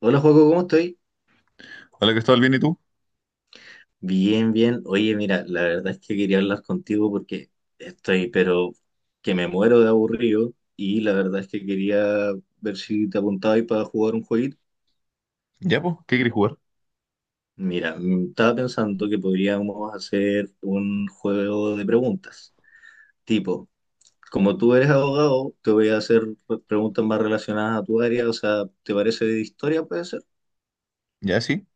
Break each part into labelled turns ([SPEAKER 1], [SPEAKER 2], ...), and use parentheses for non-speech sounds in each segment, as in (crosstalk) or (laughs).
[SPEAKER 1] Hola, Juaco, ¿cómo estoy?
[SPEAKER 2] Hola Cristóbal, ¿bien y tú?
[SPEAKER 1] Bien, bien. Oye, mira, la verdad es que quería hablar contigo porque estoy, pero que me muero de aburrido y la verdad es que quería ver si te apuntabas para jugar un jueguito.
[SPEAKER 2] Ya, pues, ¿qué quieres jugar?
[SPEAKER 1] Mira, estaba pensando que podríamos hacer un juego de preguntas. Tipo, como tú eres abogado, te voy a hacer preguntas más relacionadas a tu área. O sea, ¿te parece de historia, pues?
[SPEAKER 2] Ya, sí.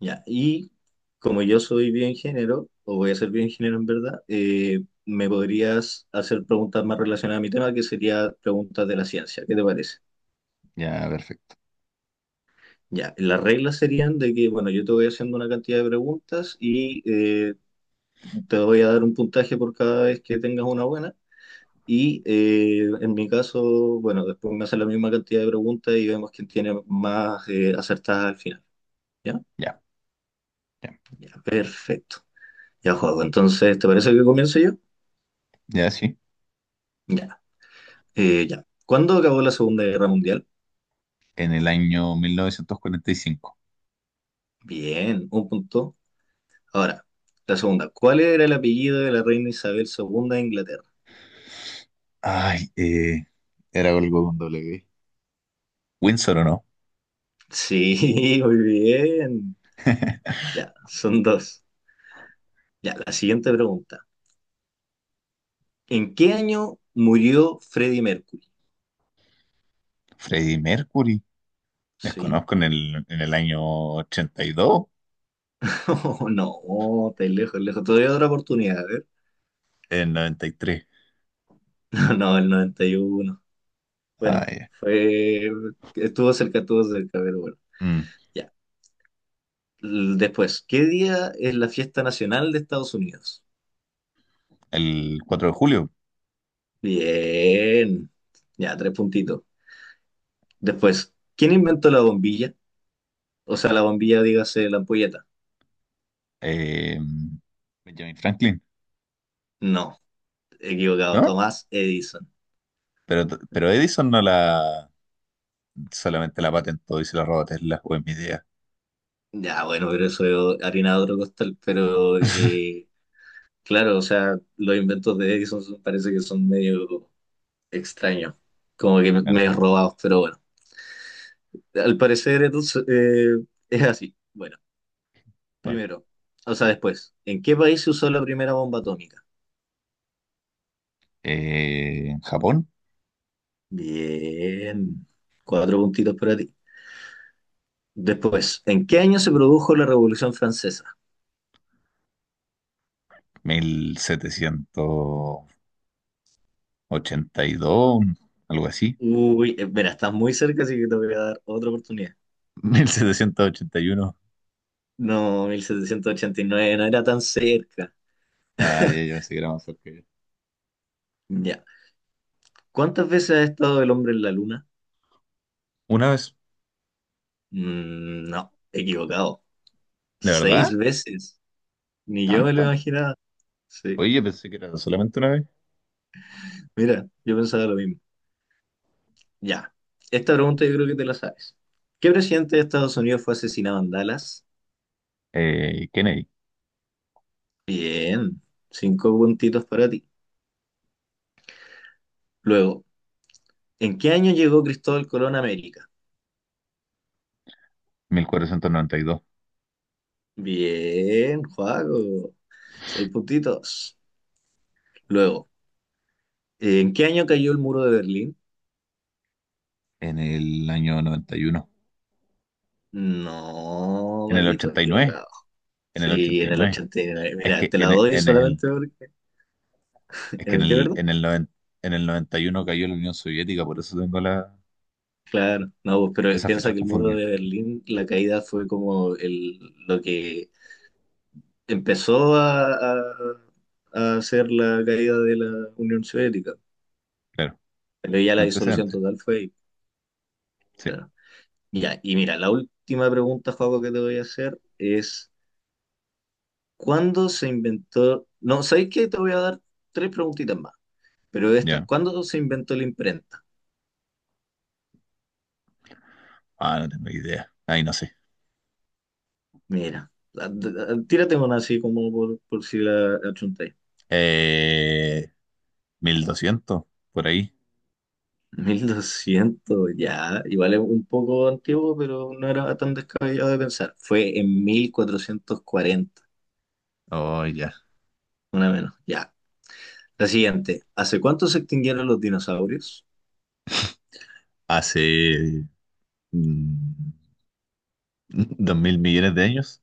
[SPEAKER 1] Ya, y como yo soy bioingeniero, o voy a ser bioingeniero en verdad, me podrías hacer preguntas más relacionadas a mi tema, que sería preguntas de la ciencia. ¿Qué te parece?
[SPEAKER 2] Ya, perfecto.
[SPEAKER 1] Ya, las reglas serían de que, bueno, yo te voy haciendo una cantidad de preguntas y te voy a dar un puntaje por cada vez que tengas una buena. Y en mi caso, bueno, después me hacen la misma cantidad de preguntas y vemos quién tiene más acertadas al final. ¿Ya?
[SPEAKER 2] Ya, ya,
[SPEAKER 1] Ya, perfecto. Ya, juego. Entonces, ¿te parece que comience yo?
[SPEAKER 2] ya, sí.
[SPEAKER 1] Ya. Ya. ¿Cuándo acabó la Segunda Guerra Mundial?
[SPEAKER 2] En el año 1945.
[SPEAKER 1] Bien, un punto. Ahora, la segunda. ¿Cuál era el apellido de la reina Isabel II de Inglaterra?
[SPEAKER 2] Ay, era algo con doble G. ¿Windsor o no?
[SPEAKER 1] Sí, (laughs) muy bien.
[SPEAKER 2] (laughs)
[SPEAKER 1] Ya, son dos. Ya, la siguiente pregunta. ¿En qué año murió Freddie Mercury?
[SPEAKER 2] Freddie Mercury.
[SPEAKER 1] Sí.
[SPEAKER 2] Desconozco en el año 82,
[SPEAKER 1] (laughs) Oh, no, estáis lejos, lejos. Todavía otra oportunidad, a ver.
[SPEAKER 2] en 93.
[SPEAKER 1] (laughs) No, no, el 91. Bueno,
[SPEAKER 2] Ay,
[SPEAKER 1] fue... estuvo cerca, pero bueno.
[SPEAKER 2] mm,
[SPEAKER 1] Ya. Después, ¿qué día es la fiesta nacional de Estados Unidos?
[SPEAKER 2] el 4 de julio.
[SPEAKER 1] Bien, ya, tres puntitos. Después, ¿quién inventó la bombilla? O sea, la bombilla, dígase, la ampolleta.
[SPEAKER 2] eh, Benjamin Franklin,
[SPEAKER 1] No, equivocado,
[SPEAKER 2] ¿no?
[SPEAKER 1] Tomás Edison.
[SPEAKER 2] Pero, pero Edison no la solamente la patentó y se la robó a Tesla, o es mi idea.
[SPEAKER 1] Ya, bueno, pero eso es harina de otro costal, pero claro, o sea, los inventos de Edison son- parece que son medio extraños, como que
[SPEAKER 2] Claro.
[SPEAKER 1] medio robados, pero bueno, al parecer entonces es así. Bueno.
[SPEAKER 2] Bueno,
[SPEAKER 1] Primero, o sea, después, ¿en qué país se usó la primera bomba atómica?
[SPEAKER 2] en Japón,
[SPEAKER 1] Bien, cuatro puntitos para ti. Después, ¿en qué año se produjo la Revolución Francesa?
[SPEAKER 2] 1782, algo así.
[SPEAKER 1] Uy, mira, estás muy cerca, así que te voy a dar otra oportunidad.
[SPEAKER 2] (laughs) 1781.
[SPEAKER 1] No, 1789. No era tan cerca.
[SPEAKER 2] Ah, ya, ya
[SPEAKER 1] (laughs)
[SPEAKER 2] pensé que era más cerca que yo.
[SPEAKER 1] Ya. ¿Cuántas veces ha estado el hombre en la luna?
[SPEAKER 2] Una vez,
[SPEAKER 1] Mm, no, equivocado.
[SPEAKER 2] ¿de
[SPEAKER 1] Seis
[SPEAKER 2] verdad?
[SPEAKER 1] veces. Ni yo me lo
[SPEAKER 2] ¿Tanta?
[SPEAKER 1] imaginaba. Sí,
[SPEAKER 2] Oye, yo pensé que era solamente una vez.
[SPEAKER 1] mira, yo pensaba lo mismo. Ya, esta pregunta yo creo que te la sabes. ¿Qué presidente de Estados Unidos fue asesinado en Dallas?
[SPEAKER 2] Kennedy,
[SPEAKER 1] Bien, cinco puntitos para ti. Luego, ¿en qué año llegó Cristóbal Colón a América?
[SPEAKER 2] 1492.
[SPEAKER 1] Bien, Juaco, seis puntitos. Luego, ¿en qué año cayó el muro de Berlín?
[SPEAKER 2] En el año noventa y uno.
[SPEAKER 1] No,
[SPEAKER 2] En el
[SPEAKER 1] papito,
[SPEAKER 2] 89.
[SPEAKER 1] equivocado.
[SPEAKER 2] En el
[SPEAKER 1] Sí,
[SPEAKER 2] ochenta
[SPEAKER 1] en
[SPEAKER 2] y
[SPEAKER 1] el
[SPEAKER 2] nueve.
[SPEAKER 1] 89.
[SPEAKER 2] Es
[SPEAKER 1] Mira,
[SPEAKER 2] que
[SPEAKER 1] te la
[SPEAKER 2] en, e-
[SPEAKER 1] doy
[SPEAKER 2] en el,
[SPEAKER 1] solamente porque...
[SPEAKER 2] es
[SPEAKER 1] ¿En
[SPEAKER 2] que en
[SPEAKER 1] el qué,
[SPEAKER 2] el,
[SPEAKER 1] verdad?
[SPEAKER 2] en el 91 cayó la Unión Soviética, por eso tengo la,
[SPEAKER 1] Claro, no, pues, pero
[SPEAKER 2] esas
[SPEAKER 1] piensa
[SPEAKER 2] fechas
[SPEAKER 1] que el muro
[SPEAKER 2] confundidas.
[SPEAKER 1] de Berlín, la caída fue como el, lo que empezó a hacer la caída de la Unión Soviética,
[SPEAKER 2] Claro,
[SPEAKER 1] pero ya la disolución
[SPEAKER 2] antecedentes,
[SPEAKER 1] total fue ahí,
[SPEAKER 2] sí,
[SPEAKER 1] claro. Ya, y mira, la última pregunta, Joaco, que te voy a hacer es, ¿cuándo se inventó? No, sabéis qué? Te voy a dar tres preguntitas más, pero esta,
[SPEAKER 2] ya.
[SPEAKER 1] ¿cuándo se inventó la imprenta?
[SPEAKER 2] Ah, no tengo idea. Ahí no sé.
[SPEAKER 1] Mira, tírate una así como por si la achuntáis.
[SPEAKER 2] Eh, 1200 por ahí.
[SPEAKER 1] 1200 ya, igual es un poco antiguo, pero no era tan descabellado de pensar. Fue en 1440.
[SPEAKER 2] Oh, ya.
[SPEAKER 1] Una menos. Ya. La siguiente. ¿Hace cuánto se extinguieron los dinosaurios?
[SPEAKER 2] Hace mm, (laughs) 2000 millones de años.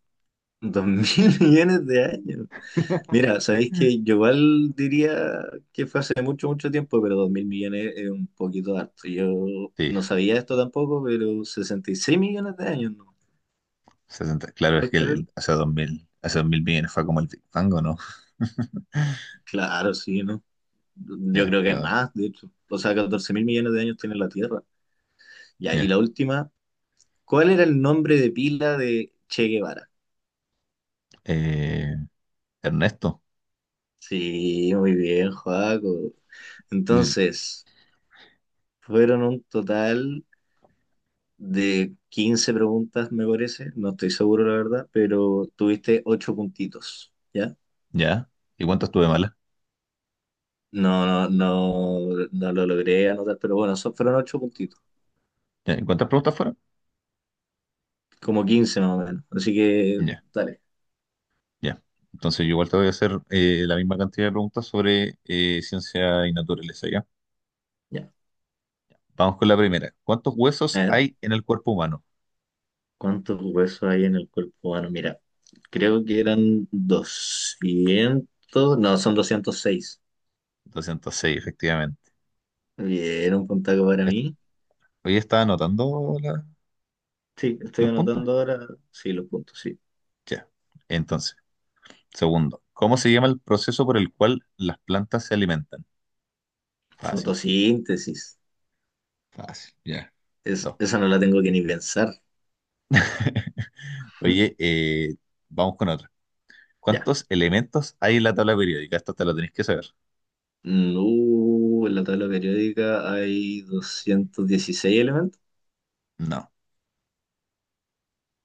[SPEAKER 1] Dos mil (laughs) millones de años. Mira, sabéis que yo igual diría que fue hace mucho, mucho tiempo, pero dos mil millones es un poquito harto. Yo
[SPEAKER 2] Sí,
[SPEAKER 1] no sabía esto tampoco, pero 66 millones de años, ¿no?
[SPEAKER 2] 60. Claro, es
[SPEAKER 1] ¿Puedes
[SPEAKER 2] que
[SPEAKER 1] creerlo?
[SPEAKER 2] hace dos mil millones fue como el Big Bang, ¿o no? (laughs)
[SPEAKER 1] Claro, sí, ¿no? Yo
[SPEAKER 2] Ya,
[SPEAKER 1] creo que
[SPEAKER 2] no, no.
[SPEAKER 1] más, de hecho. O sea, 14 mil millones de años tiene la Tierra. Ya, y
[SPEAKER 2] Ya.
[SPEAKER 1] la última. ¿Cuál era el nombre de pila de Che Guevara?
[SPEAKER 2] Eh, Ernesto.
[SPEAKER 1] Sí, muy bien, Joaco.
[SPEAKER 2] Y-
[SPEAKER 1] Entonces, fueron un total de 15 preguntas, me parece. No estoy seguro, la verdad, pero tuviste 8 puntitos, ¿ya?
[SPEAKER 2] Ya. ¿Y cuántas tuve malas?
[SPEAKER 1] No, no, no, no lo logré anotar, pero bueno, son, fueron 8 puntitos,
[SPEAKER 2] Ya, ¿Cuántas preguntas fueron?
[SPEAKER 1] como 15 más o menos. Así que,
[SPEAKER 2] Ya,
[SPEAKER 1] dale,
[SPEAKER 2] ya. Entonces yo igual te voy a hacer la misma cantidad de preguntas sobre ciencia y naturaleza, ¿ya?
[SPEAKER 1] ya.
[SPEAKER 2] Vamos con la primera. ¿Cuántos
[SPEAKER 1] A
[SPEAKER 2] huesos
[SPEAKER 1] ver,
[SPEAKER 2] hay en el cuerpo humano?
[SPEAKER 1] ¿cuántos huesos hay en el cuerpo humano? Mira, creo que eran 200, no, son 206.
[SPEAKER 2] 206, efectivamente.
[SPEAKER 1] Bien, un puntaco para
[SPEAKER 2] Est-
[SPEAKER 1] mí.
[SPEAKER 2] Hoy estaba anotando
[SPEAKER 1] Sí, estoy
[SPEAKER 2] los puntos.
[SPEAKER 1] anotando ahora. Sí, los puntos, sí.
[SPEAKER 2] Ya. Entonces, segundo, ¿cómo se llama el proceso por el cual las plantas se alimentan? Fácil,
[SPEAKER 1] Fotosíntesis.
[SPEAKER 2] fácil, ya.
[SPEAKER 1] Es,
[SPEAKER 2] Dos.
[SPEAKER 1] esa no la tengo que ni pensar.
[SPEAKER 2] (laughs) Oye,
[SPEAKER 1] (laughs)
[SPEAKER 2] vamos con otra.
[SPEAKER 1] Ya.
[SPEAKER 2] ¿Cuántos elementos hay en la tabla periódica? Esto te lo tenés que saber.
[SPEAKER 1] Mm, en la tabla periódica hay 216 elementos.
[SPEAKER 2] No.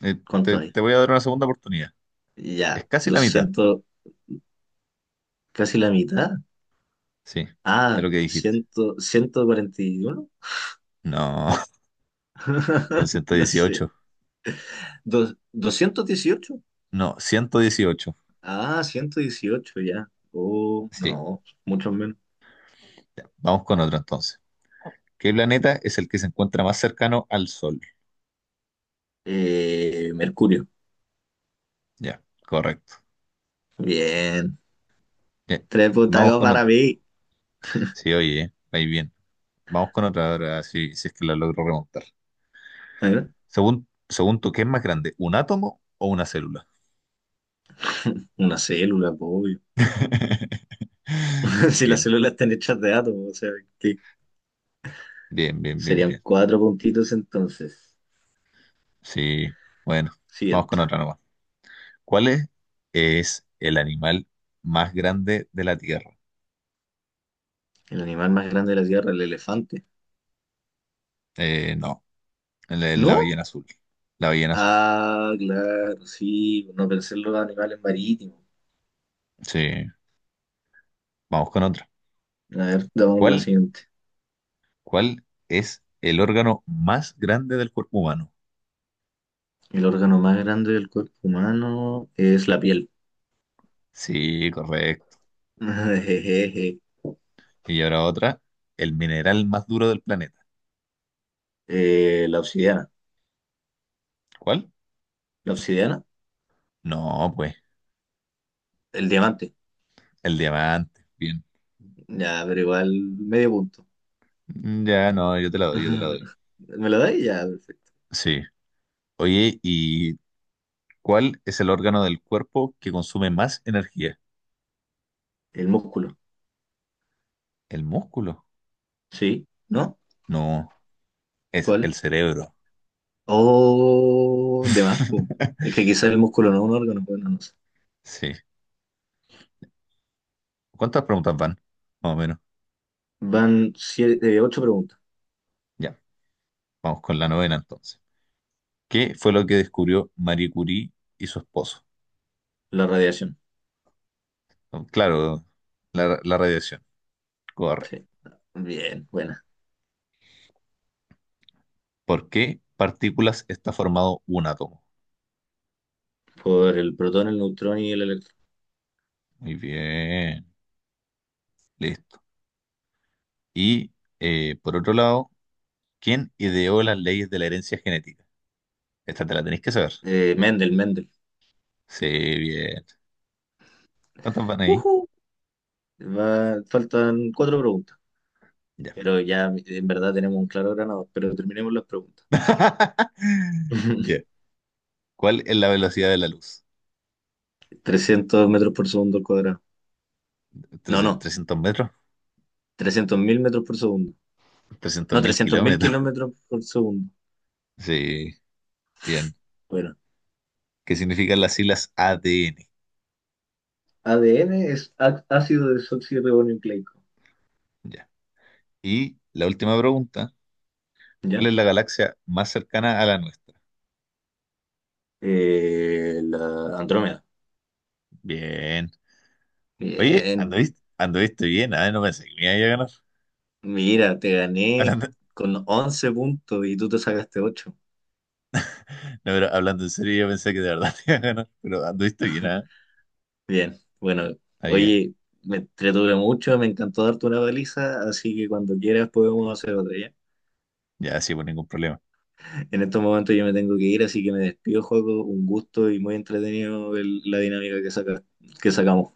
[SPEAKER 1] ¿Cuántos
[SPEAKER 2] Te,
[SPEAKER 1] hay?
[SPEAKER 2] te voy a dar una segunda oportunidad. Es
[SPEAKER 1] Ya,
[SPEAKER 2] casi la mitad.
[SPEAKER 1] 200. Casi la mitad.
[SPEAKER 2] Sí, ya
[SPEAKER 1] Ah,
[SPEAKER 2] lo que dijiste.
[SPEAKER 1] 100, ciento cuarenta y uno.
[SPEAKER 2] No, (laughs) son
[SPEAKER 1] (laughs)
[SPEAKER 2] ciento
[SPEAKER 1] No sé.
[SPEAKER 2] dieciocho.
[SPEAKER 1] 218.
[SPEAKER 2] No, 118.
[SPEAKER 1] Ah, 118. Ya. Oh,
[SPEAKER 2] Sí,
[SPEAKER 1] no, mucho menos.
[SPEAKER 2] ya, vamos con otro entonces. ¿Qué planeta es el que se encuentra más cercano al Sol?
[SPEAKER 1] Mercurio.
[SPEAKER 2] Ya, correcto.
[SPEAKER 1] Bien.
[SPEAKER 2] Ya,
[SPEAKER 1] Tres
[SPEAKER 2] vamos
[SPEAKER 1] butacos
[SPEAKER 2] con
[SPEAKER 1] para
[SPEAKER 2] otro.
[SPEAKER 1] mí.
[SPEAKER 2] Sí, oye, ahí bien. Vamos con otra ahora, si es que la logro remontar.
[SPEAKER 1] ¿Eh?
[SPEAKER 2] Según tú, ¿qué es más grande? ¿Un átomo o una célula?
[SPEAKER 1] (laughs) Una célula, po, obvio.
[SPEAKER 2] (laughs)
[SPEAKER 1] (laughs) Si las
[SPEAKER 2] Bien,
[SPEAKER 1] células están hechas de átomos, o sea, ¿qué?
[SPEAKER 2] bien, bien, bien,
[SPEAKER 1] Serían
[SPEAKER 2] bien.
[SPEAKER 1] cuatro puntitos entonces.
[SPEAKER 2] Sí, bueno, vamos
[SPEAKER 1] Siguiente.
[SPEAKER 2] con otra nomás. ¿Cuál es el animal más grande de la Tierra?
[SPEAKER 1] El animal más grande de la Tierra, el elefante.
[SPEAKER 2] No, la
[SPEAKER 1] ¿No?
[SPEAKER 2] ballena azul. La ballena azul.
[SPEAKER 1] Ah, claro, sí. No pensé en los animales marítimos.
[SPEAKER 2] Sí, vamos con otra.
[SPEAKER 1] A ver, damos la
[SPEAKER 2] ¿Cuál,
[SPEAKER 1] siguiente.
[SPEAKER 2] ¿Cuál es el órgano más grande del cuerpo humano?
[SPEAKER 1] El órgano más grande del cuerpo humano es la piel.
[SPEAKER 2] Sí, correcto.
[SPEAKER 1] (laughs) Jejeje.
[SPEAKER 2] Y ahora otra, el mineral más duro del planeta.
[SPEAKER 1] La obsidiana.
[SPEAKER 2] ¿Cuál?
[SPEAKER 1] ¿La obsidiana?
[SPEAKER 2] No, pues,
[SPEAKER 1] El diamante.
[SPEAKER 2] el diamante. Bien.
[SPEAKER 1] Ya, pero igual medio punto.
[SPEAKER 2] Ya, no, yo te la doy, yo te la doy.
[SPEAKER 1] (laughs) ¿Me lo dais? Ya, perfecto.
[SPEAKER 2] Sí. Oye, ¿y cuál es el órgano del cuerpo que consume más energía?
[SPEAKER 1] El músculo.
[SPEAKER 2] ¿El músculo?
[SPEAKER 1] Sí, ¿no?
[SPEAKER 2] No, es el
[SPEAKER 1] ¿Cuál?
[SPEAKER 2] cerebro.
[SPEAKER 1] Oh, de más, po. Es
[SPEAKER 2] (laughs)
[SPEAKER 1] que quizás el músculo no es un órgano, bueno, no no sé.
[SPEAKER 2] Sí. ¿Cuántas preguntas van? Más o menos.
[SPEAKER 1] Van siete, ocho preguntas.
[SPEAKER 2] Ya, vamos con la novena entonces. ¿Qué fue lo que descubrió Marie Curie y su esposo?
[SPEAKER 1] La radiación.
[SPEAKER 2] Claro, la radiación. Correcto.
[SPEAKER 1] Sí. Bien, buena.
[SPEAKER 2] ¿Por qué partículas está formado un átomo?
[SPEAKER 1] Por el protón, el neutrón y el electrón.
[SPEAKER 2] Muy bien, listo. Y por otro lado, ¿quién ideó las leyes de la herencia genética? Esta te la tenéis que saber.
[SPEAKER 1] Mendel, Mendel.
[SPEAKER 2] Sí, bien. ¿Cuántas van ahí?
[SPEAKER 1] Ujú. Faltan cuatro preguntas.
[SPEAKER 2] Ya.
[SPEAKER 1] Pero ya en verdad tenemos un claro ganador. Pero terminemos las preguntas.
[SPEAKER 2] (laughs) Ya.
[SPEAKER 1] (laughs)
[SPEAKER 2] ¿Cuál es la velocidad de la luz?
[SPEAKER 1] 300 metros por segundo al cuadrado. No, no.
[SPEAKER 2] ¿300 metros?
[SPEAKER 1] 300.000 metros por segundo.
[SPEAKER 2] trescientos
[SPEAKER 1] No,
[SPEAKER 2] mil
[SPEAKER 1] 300.000
[SPEAKER 2] kilómetros? (laughs)
[SPEAKER 1] kilómetros por segundo.
[SPEAKER 2] Sí, bien.
[SPEAKER 1] Bueno,
[SPEAKER 2] ¿Qué significan las siglas ADN?
[SPEAKER 1] ADN es ácido desoxirribonucleico.
[SPEAKER 2] Ya. Y la última pregunta, ¿cuál
[SPEAKER 1] ¿Ya?
[SPEAKER 2] es la galaxia más cercana a la nuestra?
[SPEAKER 1] La Andrómeda.
[SPEAKER 2] Bien. Oye,
[SPEAKER 1] Bien.
[SPEAKER 2] anduviste, anduviste bien, ah, no pensé que me iba a ganar.
[SPEAKER 1] Mira, te
[SPEAKER 2] (laughs)
[SPEAKER 1] gané
[SPEAKER 2] Hablando,
[SPEAKER 1] con 11 puntos y tú te sacaste 8.
[SPEAKER 2] no, pero hablando en serio, yo pensé que de verdad (laughs) te iba a ganar, pero anduviste bien, ah,
[SPEAKER 1] Bien. Bueno,
[SPEAKER 2] está bien.
[SPEAKER 1] oye, me entretuve mucho, me encantó darte una baliza, así que cuando quieras podemos hacer otra, ¿ya?
[SPEAKER 2] Ya, sí, por ningún problema.
[SPEAKER 1] En estos momentos yo me tengo que ir, así que me despido, juego. Un gusto y muy entretenido el- la dinámica que saca, que sacamos.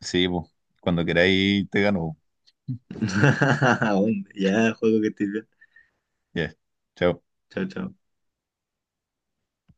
[SPEAKER 2] Sí, pues, cuando queráis te gano,
[SPEAKER 1] (laughs) Aún, ya, juego que estés bien.
[SPEAKER 2] pues. Ya. Chao.
[SPEAKER 1] Chao, chao.